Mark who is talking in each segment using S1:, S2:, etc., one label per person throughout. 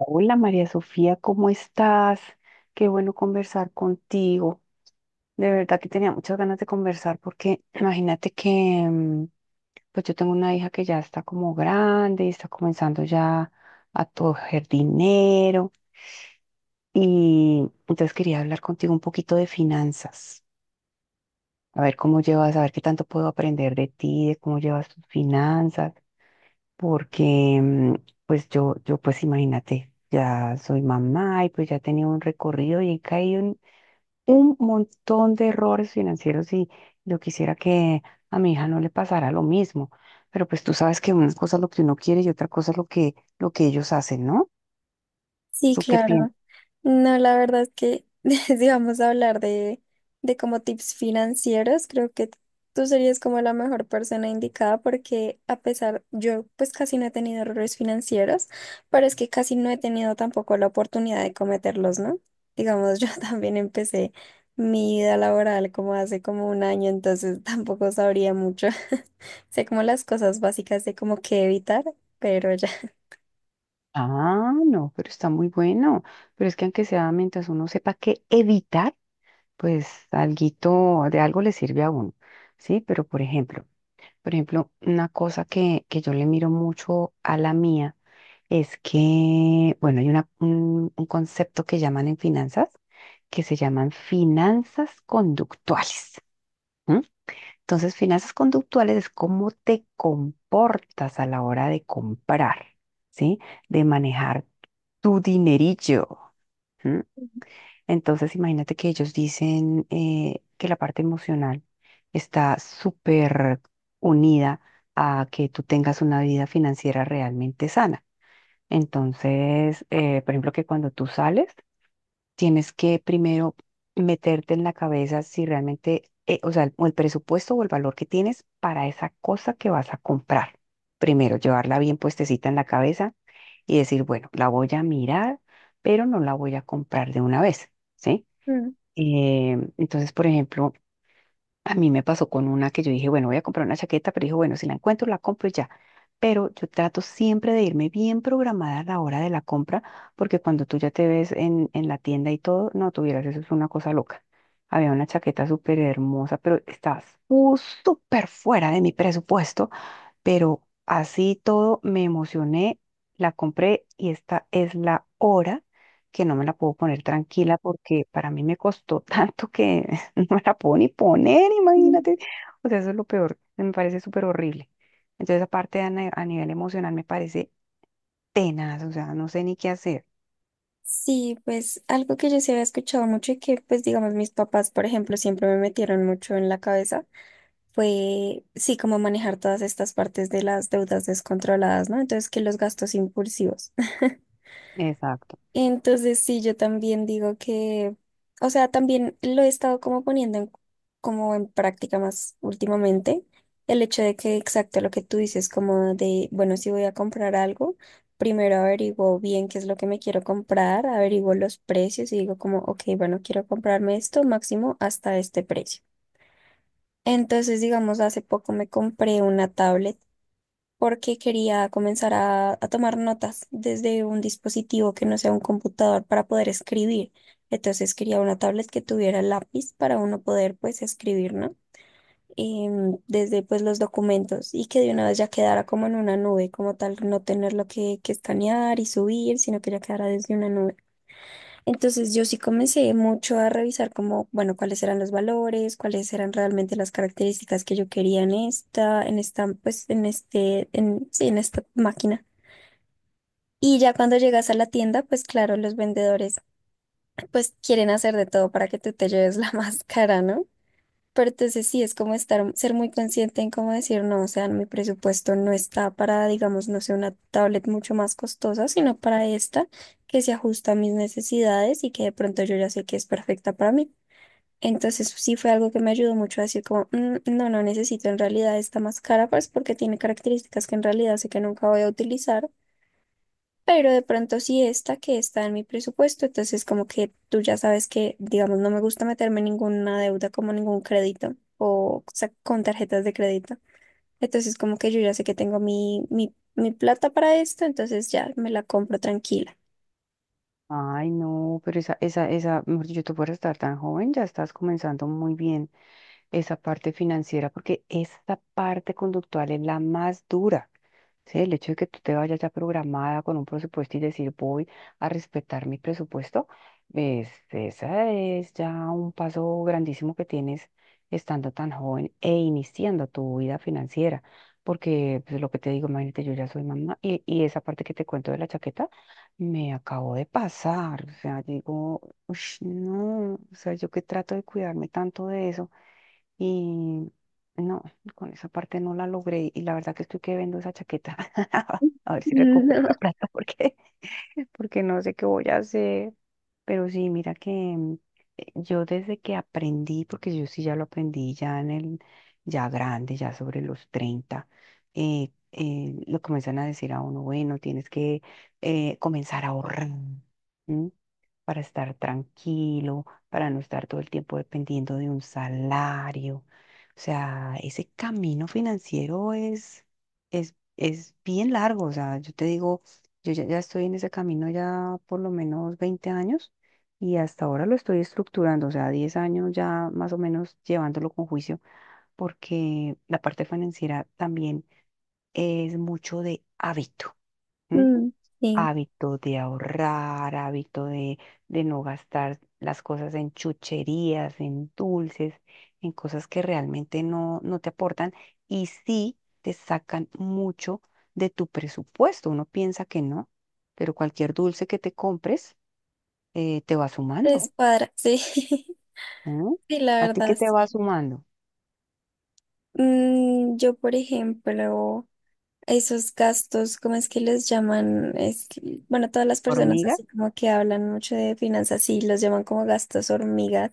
S1: Hola María Sofía, ¿cómo estás? Qué bueno conversar contigo. De verdad que tenía muchas ganas de conversar porque imagínate que mm, pues yo tengo una hija que ya está como grande y está comenzando ya a coger dinero y entonces quería hablar contigo un poquito de finanzas. A ver cómo llevas, a ver qué tanto puedo aprender de ti, de cómo llevas tus finanzas. Porque pues yo pues imagínate, ya soy mamá y pues ya he tenido un recorrido y he caído en un montón de errores financieros y yo quisiera que a mi hija no le pasara lo mismo, pero pues tú sabes que una cosa es lo que uno quiere y otra cosa es lo que ellos hacen, ¿no?
S2: Sí,
S1: ¿Tú qué
S2: claro.
S1: piensas?
S2: No, la verdad es que si vamos a hablar de como tips financieros, creo que tú serías como la mejor persona indicada porque a pesar, yo pues casi no he tenido errores financieros, pero es que casi no he tenido tampoco la oportunidad de cometerlos, ¿no? Digamos, yo también empecé mi vida laboral como hace como un año, entonces tampoco sabría mucho. Sé como las cosas básicas de como qué evitar, pero ya.
S1: Ah, no, pero está muy bueno, pero es que aunque sea mientras uno sepa qué evitar, pues alguito de algo le sirve a uno, ¿sí? Por ejemplo, una cosa que yo le miro mucho a la mía es que, bueno, hay un concepto que llaman en finanzas, que se llaman finanzas conductuales. ¿M? Entonces, finanzas conductuales es cómo te comportas a la hora de comprar, ¿sí? De manejar tu dinerillo. Entonces, imagínate que ellos dicen que la parte emocional está súper unida a que tú tengas una vida financiera realmente sana. Entonces, por ejemplo, que cuando tú sales, tienes que primero meterte en la cabeza si realmente, o sea, o el presupuesto o el valor que tienes para esa cosa que vas a comprar. Primero, llevarla bien puestecita en la cabeza y decir, bueno, la voy a mirar, pero no la voy a comprar de una vez. ¿Sí? Eh, entonces, por ejemplo, a mí me pasó con una que yo dije, bueno, voy a comprar una chaqueta, pero dije, bueno, si la encuentro, la compro y ya. Pero yo trato siempre de irme bien programada a la hora de la compra, porque cuando tú ya te ves en la tienda y todo, no tuvieras, eso es una cosa loca. Había una chaqueta súper hermosa, pero estaba súper fuera de mi presupuesto, pero así todo me emocioné, la compré y esta es la hora que no me la puedo poner tranquila porque para mí me costó tanto que no me la puedo ni poner,
S2: Mm.
S1: imagínate. O sea, eso es lo peor, me parece súper horrible. Entonces, aparte a, ni- a nivel emocional me parece tenaz, o sea, no sé ni qué hacer.
S2: Sí, pues algo que yo sí había escuchado mucho y que pues digamos mis papás, por ejemplo, siempre me metieron mucho en la cabeza fue, sí, como manejar todas estas partes de las deudas descontroladas, ¿no? Entonces, que los gastos impulsivos.
S1: Exacto.
S2: Entonces sí, yo también digo que, o sea, también lo he estado como poniendo en, como en práctica más últimamente, el hecho de que exacto lo que tú dices, como de, bueno, si voy a comprar algo, primero averiguo bien qué es lo que me quiero comprar, averiguo los precios y digo como, ok, bueno, quiero comprarme esto máximo hasta este precio. Entonces, digamos, hace poco me compré una tablet porque quería comenzar a tomar notas desde un dispositivo que no sea un computador para poder escribir. Entonces quería una tablet que tuviera lápiz para uno poder pues escribir, ¿no? Desde pues los documentos y que de una vez ya quedara como en una nube, como tal, no tenerlo que escanear y subir, sino que ya quedara desde una nube. Entonces yo sí comencé mucho a revisar como, bueno, cuáles eran los valores, cuáles eran realmente las características que yo quería en esta, pues en este, en, sí, en esta máquina. Y ya cuando llegas a la tienda, pues claro, los vendedores pues quieren hacer de todo para que tú te lleves la máscara, ¿no? Pero entonces sí, es como estar, ser muy consciente en cómo decir, no, o sea, mi presupuesto no está para, digamos, no sé, una tablet mucho más costosa, sino para esta que se ajusta a mis necesidades y que de pronto yo ya sé que es perfecta para mí. Entonces sí fue algo que me ayudó mucho a decir como, "Mm, no, no necesito en realidad esta más cara, pues porque tiene características que en realidad sé que nunca voy a utilizar pero de pronto sí esta que está en mi presupuesto", entonces como que tú ya sabes que, digamos, no me gusta meterme en ninguna deuda como ningún crédito o, sa- con tarjetas de crédito. Entonces como que yo ya sé que tengo mi plata para esto, entonces ya me la compro tranquila.
S1: Ay, no, pero mejor dicho, tú por estar tan joven, ya estás comenzando muy bien esa parte financiera, porque esta parte conductual es la más dura. ¿Sí? El hecho de que tú te vayas ya programada con un presupuesto y decir voy a respetar mi presupuesto, es, esa es ya un paso grandísimo que tienes estando tan joven e iniciando tu vida financiera. Porque pues, lo que te digo, imagínate, yo ya soy mamá y esa parte que te cuento de la chaqueta me acabó de pasar. O sea, digo, "Ush, no, o sea, yo que trato de cuidarme tanto de eso y no, con esa parte no la logré y la verdad que estoy que vendo esa chaqueta. A ver si recupero la plata porque, porque no sé qué voy a hacer. Pero sí, mira que yo desde que aprendí, porque yo sí ya lo aprendí ya ya grande, ya sobre los 30, lo comienzan a decir a uno, bueno, tienes que comenzar a ahorrar. ¿M? Para estar tranquilo, para no estar todo el tiempo dependiendo de un salario. O sea, ese camino financiero es bien largo. O sea, yo te digo, yo ya, ya estoy en ese camino ya por lo menos 20 años y hasta ahora lo estoy estructurando. O sea, 10 años ya más o menos llevándolo con juicio porque la parte financiera también es mucho de hábito.
S2: No.
S1: ¿M?
S2: Mm, sí,
S1: Hábito de ahorrar, hábito de no gastar las cosas en chucherías, en dulces, en cosas que realmente no, no te aportan y sí te sacan mucho de tu presupuesto. Uno piensa que no, pero cualquier dulce que te compres te va sumando.
S2: es cuadra, sí, sí,
S1: ¿No?
S2: la
S1: ¿A ti qué
S2: verdad,
S1: te va
S2: sí.
S1: sumando?
S2: Mm, yo, por ejemplo... esos gastos, ¿cómo es que los llaman? Es, que- bueno, todas las personas
S1: ¿Hormiga?
S2: así como que hablan mucho de finanzas, sí, los llaman como gastos hormigas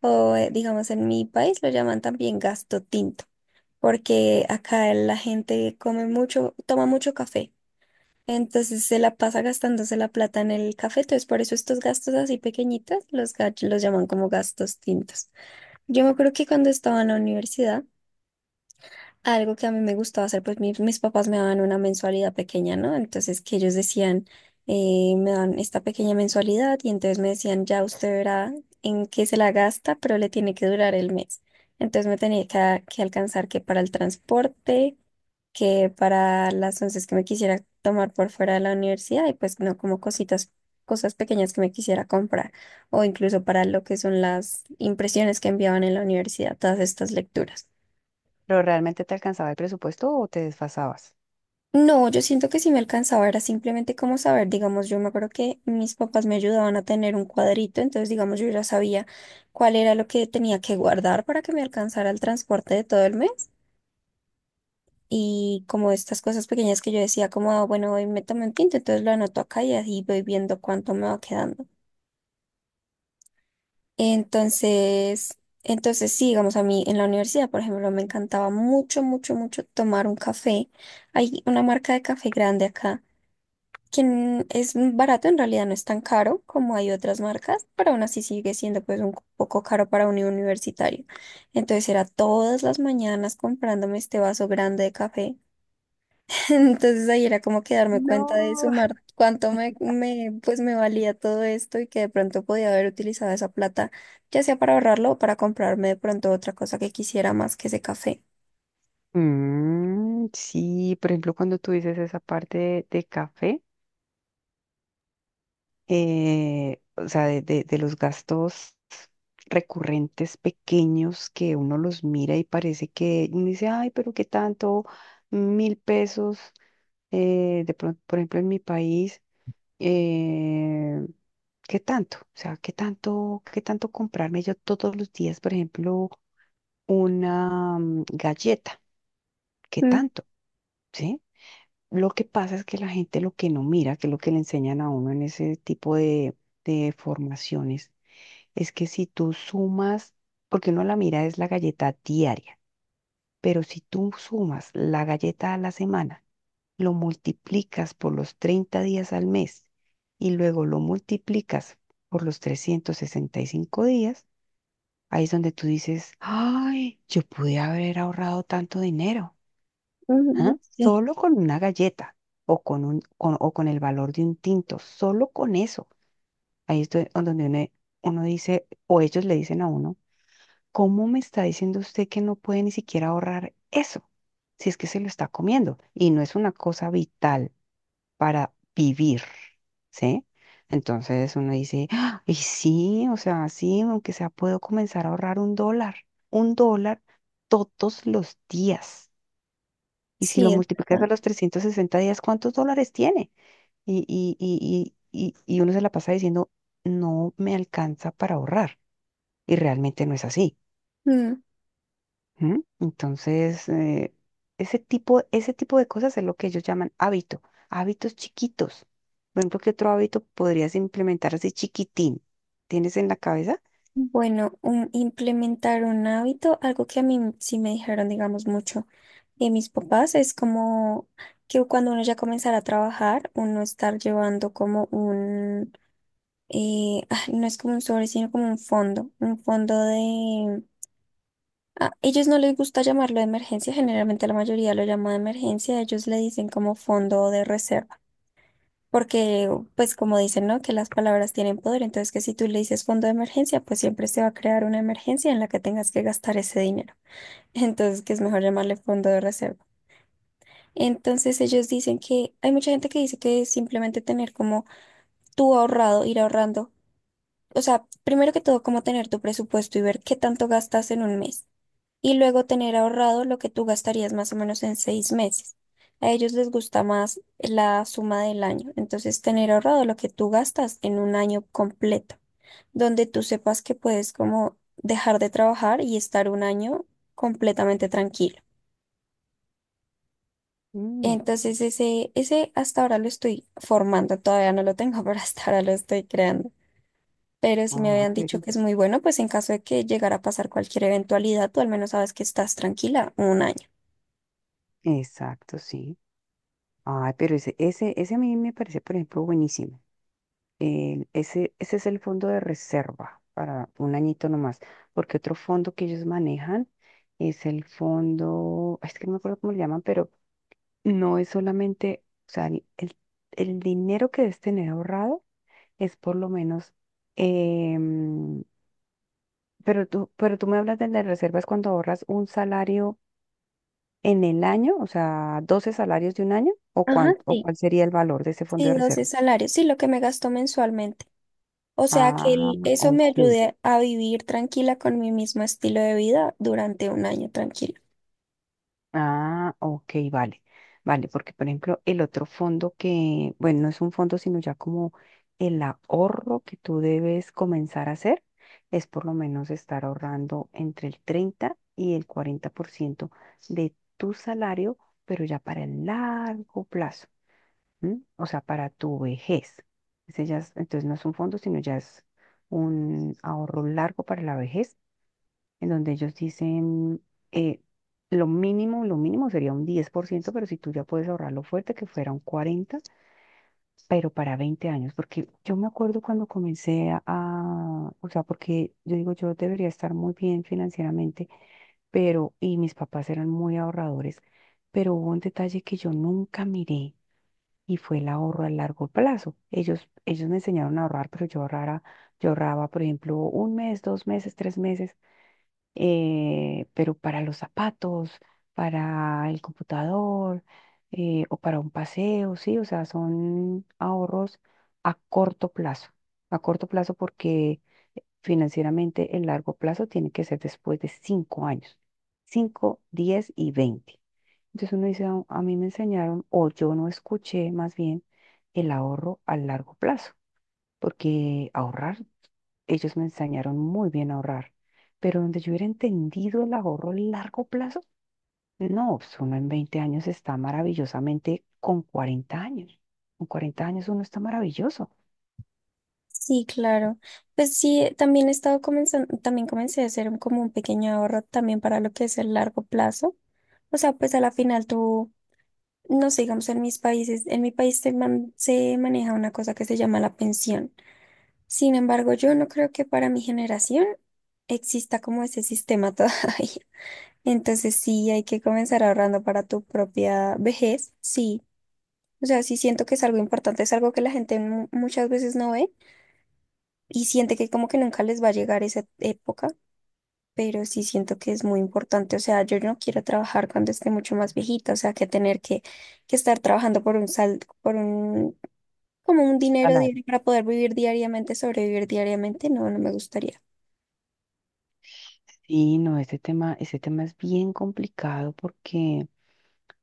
S2: o digamos en mi país lo llaman también gasto tinto, porque acá la gente come mucho, toma mucho café. Entonces se la pasa gastándose la plata en el café, entonces por eso estos gastos así pequeñitos los, ga- los llaman como gastos tintos. Yo me acuerdo que cuando estaba en la universidad, algo que a mí me gustaba hacer, pues mi- mis papás me daban una mensualidad pequeña, ¿no? Entonces que ellos decían, me dan esta pequeña mensualidad y entonces me decían, ya usted verá en qué se la gasta, pero le tiene que durar el mes. Entonces me tenía que alcanzar que para el transporte, que para las onces que me quisiera tomar por fuera de la universidad y pues no como cositas, cosas pequeñas que me quisiera comprar o incluso para lo que son las impresiones que enviaban en la universidad, todas estas lecturas.
S1: ¿Pero realmente te alcanzaba el presupuesto o te desfasabas?
S2: No, yo siento que sí me alcanzaba, era simplemente como saber, digamos, yo me acuerdo que mis papás me ayudaban a tener un cuadrito, entonces, digamos, yo ya sabía cuál era lo que tenía que guardar para que me alcanzara el transporte de todo el mes y como estas cosas pequeñas que yo decía, como, "Ah, bueno, hoy me tomé un tinto, entonces lo anoto acá y así voy viendo cuánto me va quedando". Entonces sí, digamos, a mí en la universidad, por ejemplo, me encantaba mucho, mucho, mucho tomar un café. Hay una marca de café grande acá quien es barato, en realidad no es tan caro como hay otras marcas, pero aún así sigue siendo pues un poco caro para un universitario. Entonces era todas las mañanas comprándome este vaso grande de café. Entonces ahí era como que darme cuenta de
S1: No.
S2: sumar cuánto me valía todo esto y que de pronto podía haber utilizado esa plata, ya sea para ahorrarlo o para comprarme de pronto otra cosa que quisiera más que ese café.
S1: Mm, sí, por ejemplo, cuando tú dices esa parte de café, o sea, de los gastos recurrentes pequeños que uno los mira y parece que uno dice, ay, pero qué tanto, 1.000 pesos, de pronto, por ejemplo, en mi país, eh, ¿qué tanto? O sea, qué tanto comprarme yo todos los días, por ejemplo, una galleta? ¿Qué
S2: Mm,
S1: tanto? ¿Sí? Lo que pasa es que la gente lo que no mira, que es lo que le enseñan a uno en ese tipo de formaciones, es que si tú sumas, porque uno la mira es la galleta diaria, pero si tú sumas la galleta a la semana, lo multiplicas por los 30 días al mes y luego lo multiplicas por los 365 días, ahí es donde tú dices, ay, yo pude haber ahorrado tanto dinero. ¿Ah?
S2: ujú, sí,
S1: Solo con una galleta o con un, con- o con el valor de un tinto, solo con eso. Ahí es donde uno, dice, o ellos le dicen a uno, ¿cómo me está diciendo usted que no puede ni siquiera ahorrar eso? Si es que se lo está comiendo y no es una cosa vital para vivir, ¿sí? Entonces uno dice, "Ah, y sí, o sea, sí, aunque sea, puedo comenzar a ahorrar $1, $1 todos los días. Y si lo
S2: sí, es
S1: multiplicas
S2: verdad.
S1: a los 360 días, ¿cuántos dólares tiene? Y uno se la pasa diciendo, no me alcanza para ahorrar. Y realmente no es así. ¿M? Entonces, ese tipo de cosas es lo que ellos llaman hábito, hábitos chiquitos. Por ejemplo, ¿qué otro hábito podrías implementar así chiquitín? ¿Tienes en la cabeza?
S2: Bueno, un- implementar un hábito, algo que a mí sí me dijeron, digamos, mucho de mis papás, es como que cuando uno ya comenzara a trabajar, uno estar llevando como un, ay, no es como un sobre, sino como un fondo de... A ellos no les gusta llamarlo de emergencia, generalmente la mayoría lo llama de emergencia, ellos le dicen como fondo de reserva. Porque, pues como dicen, ¿no? Que las palabras tienen poder, entonces que si tú le dices fondo de emergencia, pues siempre se va a crear una emergencia en la que tengas que gastar ese dinero. Entonces, que es mejor llamarle fondo de reserva. Entonces, ellos dicen que hay mucha gente que dice que es simplemente tener como tú ahorrado, ir ahorrando. O sea, primero que todo, como tener tu presupuesto y ver qué tanto gastas en un mes y luego tener ahorrado lo que tú gastarías más o menos en seis meses. A ellos les gusta más la suma del año, entonces tener ahorrado lo que tú gastas en un año completo, donde tú sepas que puedes como dejar de trabajar y estar un año completamente tranquilo.
S1: Mm,
S2: Entonces ese hasta ahora lo estoy formando, todavía no lo tengo, pero hasta ahora lo estoy creando. Pero si me
S1: ah,
S2: habían dicho
S1: pero.
S2: que es muy bueno, pues en caso de que llegara a pasar cualquier eventualidad, tú al menos sabes que estás tranquila un año.
S1: Exacto, sí. Ay, pero ese a mí me parece, por ejemplo, buenísimo. Ese es el fondo de reserva para un añito nomás, porque otro fondo que ellos manejan es el fondo, es que no me acuerdo cómo le llaman, pero no es solamente, o sea, el dinero que debes tener ahorrado es por lo menos, em, pero tú me hablas de las reservas cuando ahorras un salario en el año, o sea, 12 salarios de un año, o
S2: Ajá,
S1: cuánto, o
S2: sí.
S1: cuál sería el valor de ese fondo
S2: Sí,
S1: de
S2: 12
S1: reserva.
S2: salarios, sí, lo que me gasto mensualmente. O sea que
S1: Ah,
S2: el- eso me
S1: ok.
S2: ayude a vivir tranquila con mi mismo estilo de vida durante un año tranquilo.
S1: Ah, ok, vale, vale, porque por ejemplo el otro fondo que, bueno, no es un fondo, sino ya como el ahorro que tú debes comenzar a hacer, es por lo menos estar ahorrando entre el 30 y el 40% de tu salario, pero ya para el largo plazo, ¿m? O sea, para tu vejez. Ese ya es- entonces no es un fondo, sino ya es un ahorro largo para la vejez en donde ellos dicen, eh, lo mínimo sería un 10%, pero si tú ya puedes ahorrarlo fuerte, que fuera un 40%, pero para 20 años, porque yo me acuerdo cuando comencé o sea, porque yo digo, yo debería estar muy bien financieramente, pero, y mis papás eran muy ahorradores, pero hubo un detalle que yo nunca miré. Y fue el ahorro a largo plazo. Ellos me enseñaron a ahorrar, pero yo ahorraba, por ejemplo, un mes, 2 meses, 3 meses, pero para los zapatos, para el computador, o para un paseo, sí, o sea, son ahorros a corto plazo, a corto plazo porque financieramente el largo plazo tiene que ser después de 5 años, 5, 10 y 20. Entonces uno dice, "Ah, a mí me enseñaron, o yo no escuché más bien el ahorro a largo plazo porque ahorrar, ellos me enseñaron muy bien a ahorrar, pero donde yo hubiera entendido el ahorro a largo plazo, no, pues uno en 20 años está maravillosamente con 40 años. Con 40 años uno está maravilloso.
S2: Sí, claro. Pues sí, también he estado comenzando, también comencé a hacer un- como un pequeño ahorro también para lo que es el largo plazo. O sea, pues a la final tú, no sé, digamos en mis países, en mi país se, man- se maneja una cosa que se llama la pensión. Sin embargo, yo no creo que para mi generación exista como ese sistema todavía. Entonces sí, hay que comenzar ahorrando para tu propia vejez, sí. O sea, sí siento que es algo importante, es algo que la gente mu- muchas veces no ve y siente que como que nunca les va a llegar esa época, pero sí siento que es muy importante. O sea, yo no quiero trabajar cuando esté mucho más viejita, o sea, que tener que estar trabajando por un sal, por un, como un dinero
S1: Claro.
S2: diario para poder vivir diariamente, sobrevivir diariamente, no, no me gustaría.
S1: Sí, no, ese tema es bien complicado porque,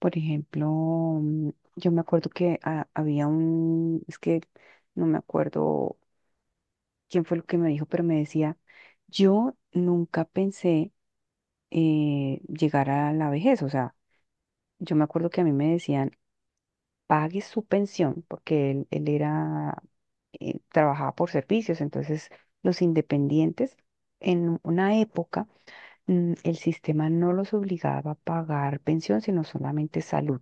S1: por ejemplo, yo me acuerdo que es que no me acuerdo quién fue lo que me dijo, pero me decía, yo nunca pensé, llegar a la vejez. O sea, yo me acuerdo que a mí me decían, pague su pensión, porque él era, trabajaba por servicios. Entonces, los independientes, en una época, el sistema no los obligaba a pagar pensión, sino solamente salud.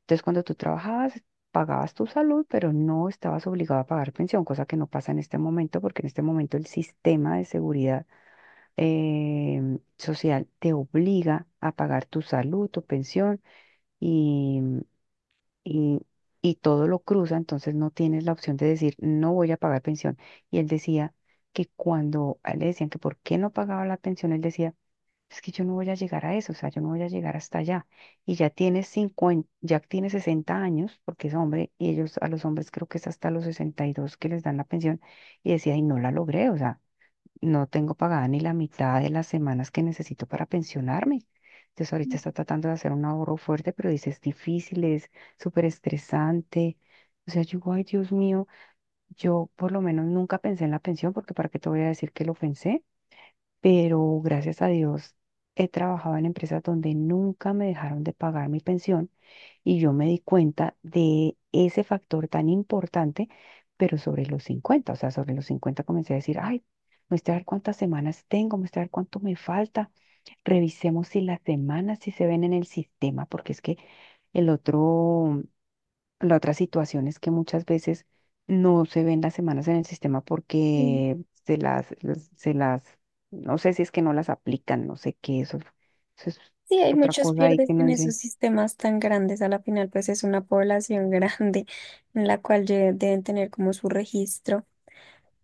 S1: Entonces, cuando tú trabajabas, pagabas tu salud, pero no estabas obligado a pagar pensión, cosa que no pasa en este momento, porque en este momento el sistema de seguridad social te obliga a pagar tu salud, tu pensión y, y, y todo lo cruza, entonces no tienes la opción de decir no voy a pagar pensión. Y él decía que cuando a él le decían que por qué no pagaba la pensión, él decía, es que yo no voy a llegar a eso, o sea, yo no voy a llegar hasta allá. Y ya tiene 50, ya tiene 60 años, porque es hombre, y ellos a los hombres creo que es hasta los 62 que les dan la pensión, y decía, y no la logré, o sea, no tengo pagada ni la mitad de las semanas que necesito para pensionarme. Entonces ahorita está tratando de hacer un ahorro fuerte, pero dice, es difícil, es súper estresante. O sea, yo digo, ay Dios mío, yo por lo menos nunca pensé en la pensión, porque para qué te voy a decir que lo pensé, pero gracias a Dios he trabajado en empresas donde nunca me dejaron de pagar mi pensión y yo me di cuenta de ese factor tan importante, pero sobre los 50, o sea, sobre los 50 comencé a decir, ay, muestra a ver cuántas semanas tengo, muestra a ver cuánto me falta, revisemos si las semanas si se ven en el sistema, porque es que el otro, la otra situación es que muchas veces no se ven las semanas en el sistema porque se las, no sé si es que no las aplican, no sé qué, eso es
S2: Sí, hay
S1: otra
S2: muchos
S1: cosa ahí
S2: pierdes
S1: que no
S2: en esos
S1: dicen.
S2: sistemas tan grandes. A la final, pues es una población grande en la cual lle- deben tener como su registro.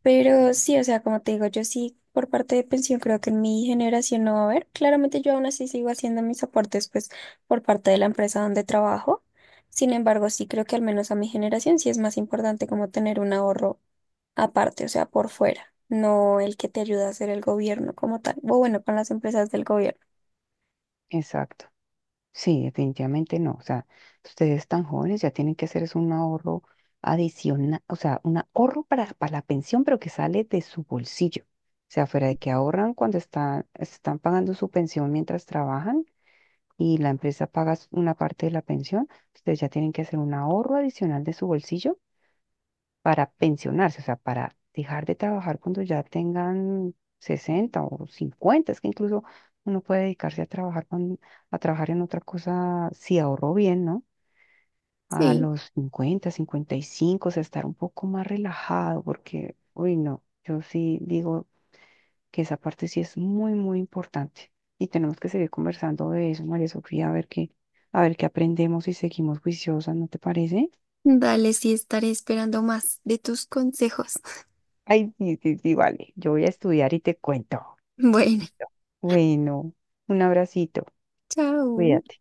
S2: Pero sí, o sea, como te digo, yo sí por parte de pensión creo que en mi generación no va a haber. Claramente yo aún así sigo haciendo mis aportes pues por parte de la empresa donde trabajo. Sin embargo, sí creo que al menos a mi generación sí es más importante como tener un ahorro aparte, o sea, por fuera, no el que te ayuda a hacer el gobierno como tal, o bueno, con las empresas del gobierno.
S1: Exacto. Sí, definitivamente no. O sea, ustedes tan jóvenes ya tienen que hacer es un ahorro adicional, o sea, un ahorro para la pensión, pero que sale de su bolsillo. O sea, fuera de que ahorran cuando están pagando su pensión mientras trabajan y la empresa paga una parte de la pensión, ustedes ya tienen que hacer un ahorro adicional de su bolsillo para pensionarse, o sea, para dejar de trabajar cuando ya tengan 60 o 50. Es que incluso uno puede dedicarse a trabajar en otra cosa si ahorró bien, ¿no? A
S2: Sí.
S1: los 50, 55, o sea, estar un poco más relajado, porque, uy, no, yo sí digo que esa parte sí es muy, muy importante. Y tenemos que seguir conversando de eso, María Sofía, a ver qué, aprendemos y seguimos juiciosas, ¿no te parece?
S2: Dale, sí, estaré esperando más de tus consejos.
S1: Ay, sí, sí, sí, vale. Yo voy a estudiar y te cuento.
S2: Bueno,
S1: Listo. Bueno, un abracito.
S2: chao.
S1: Cuídate.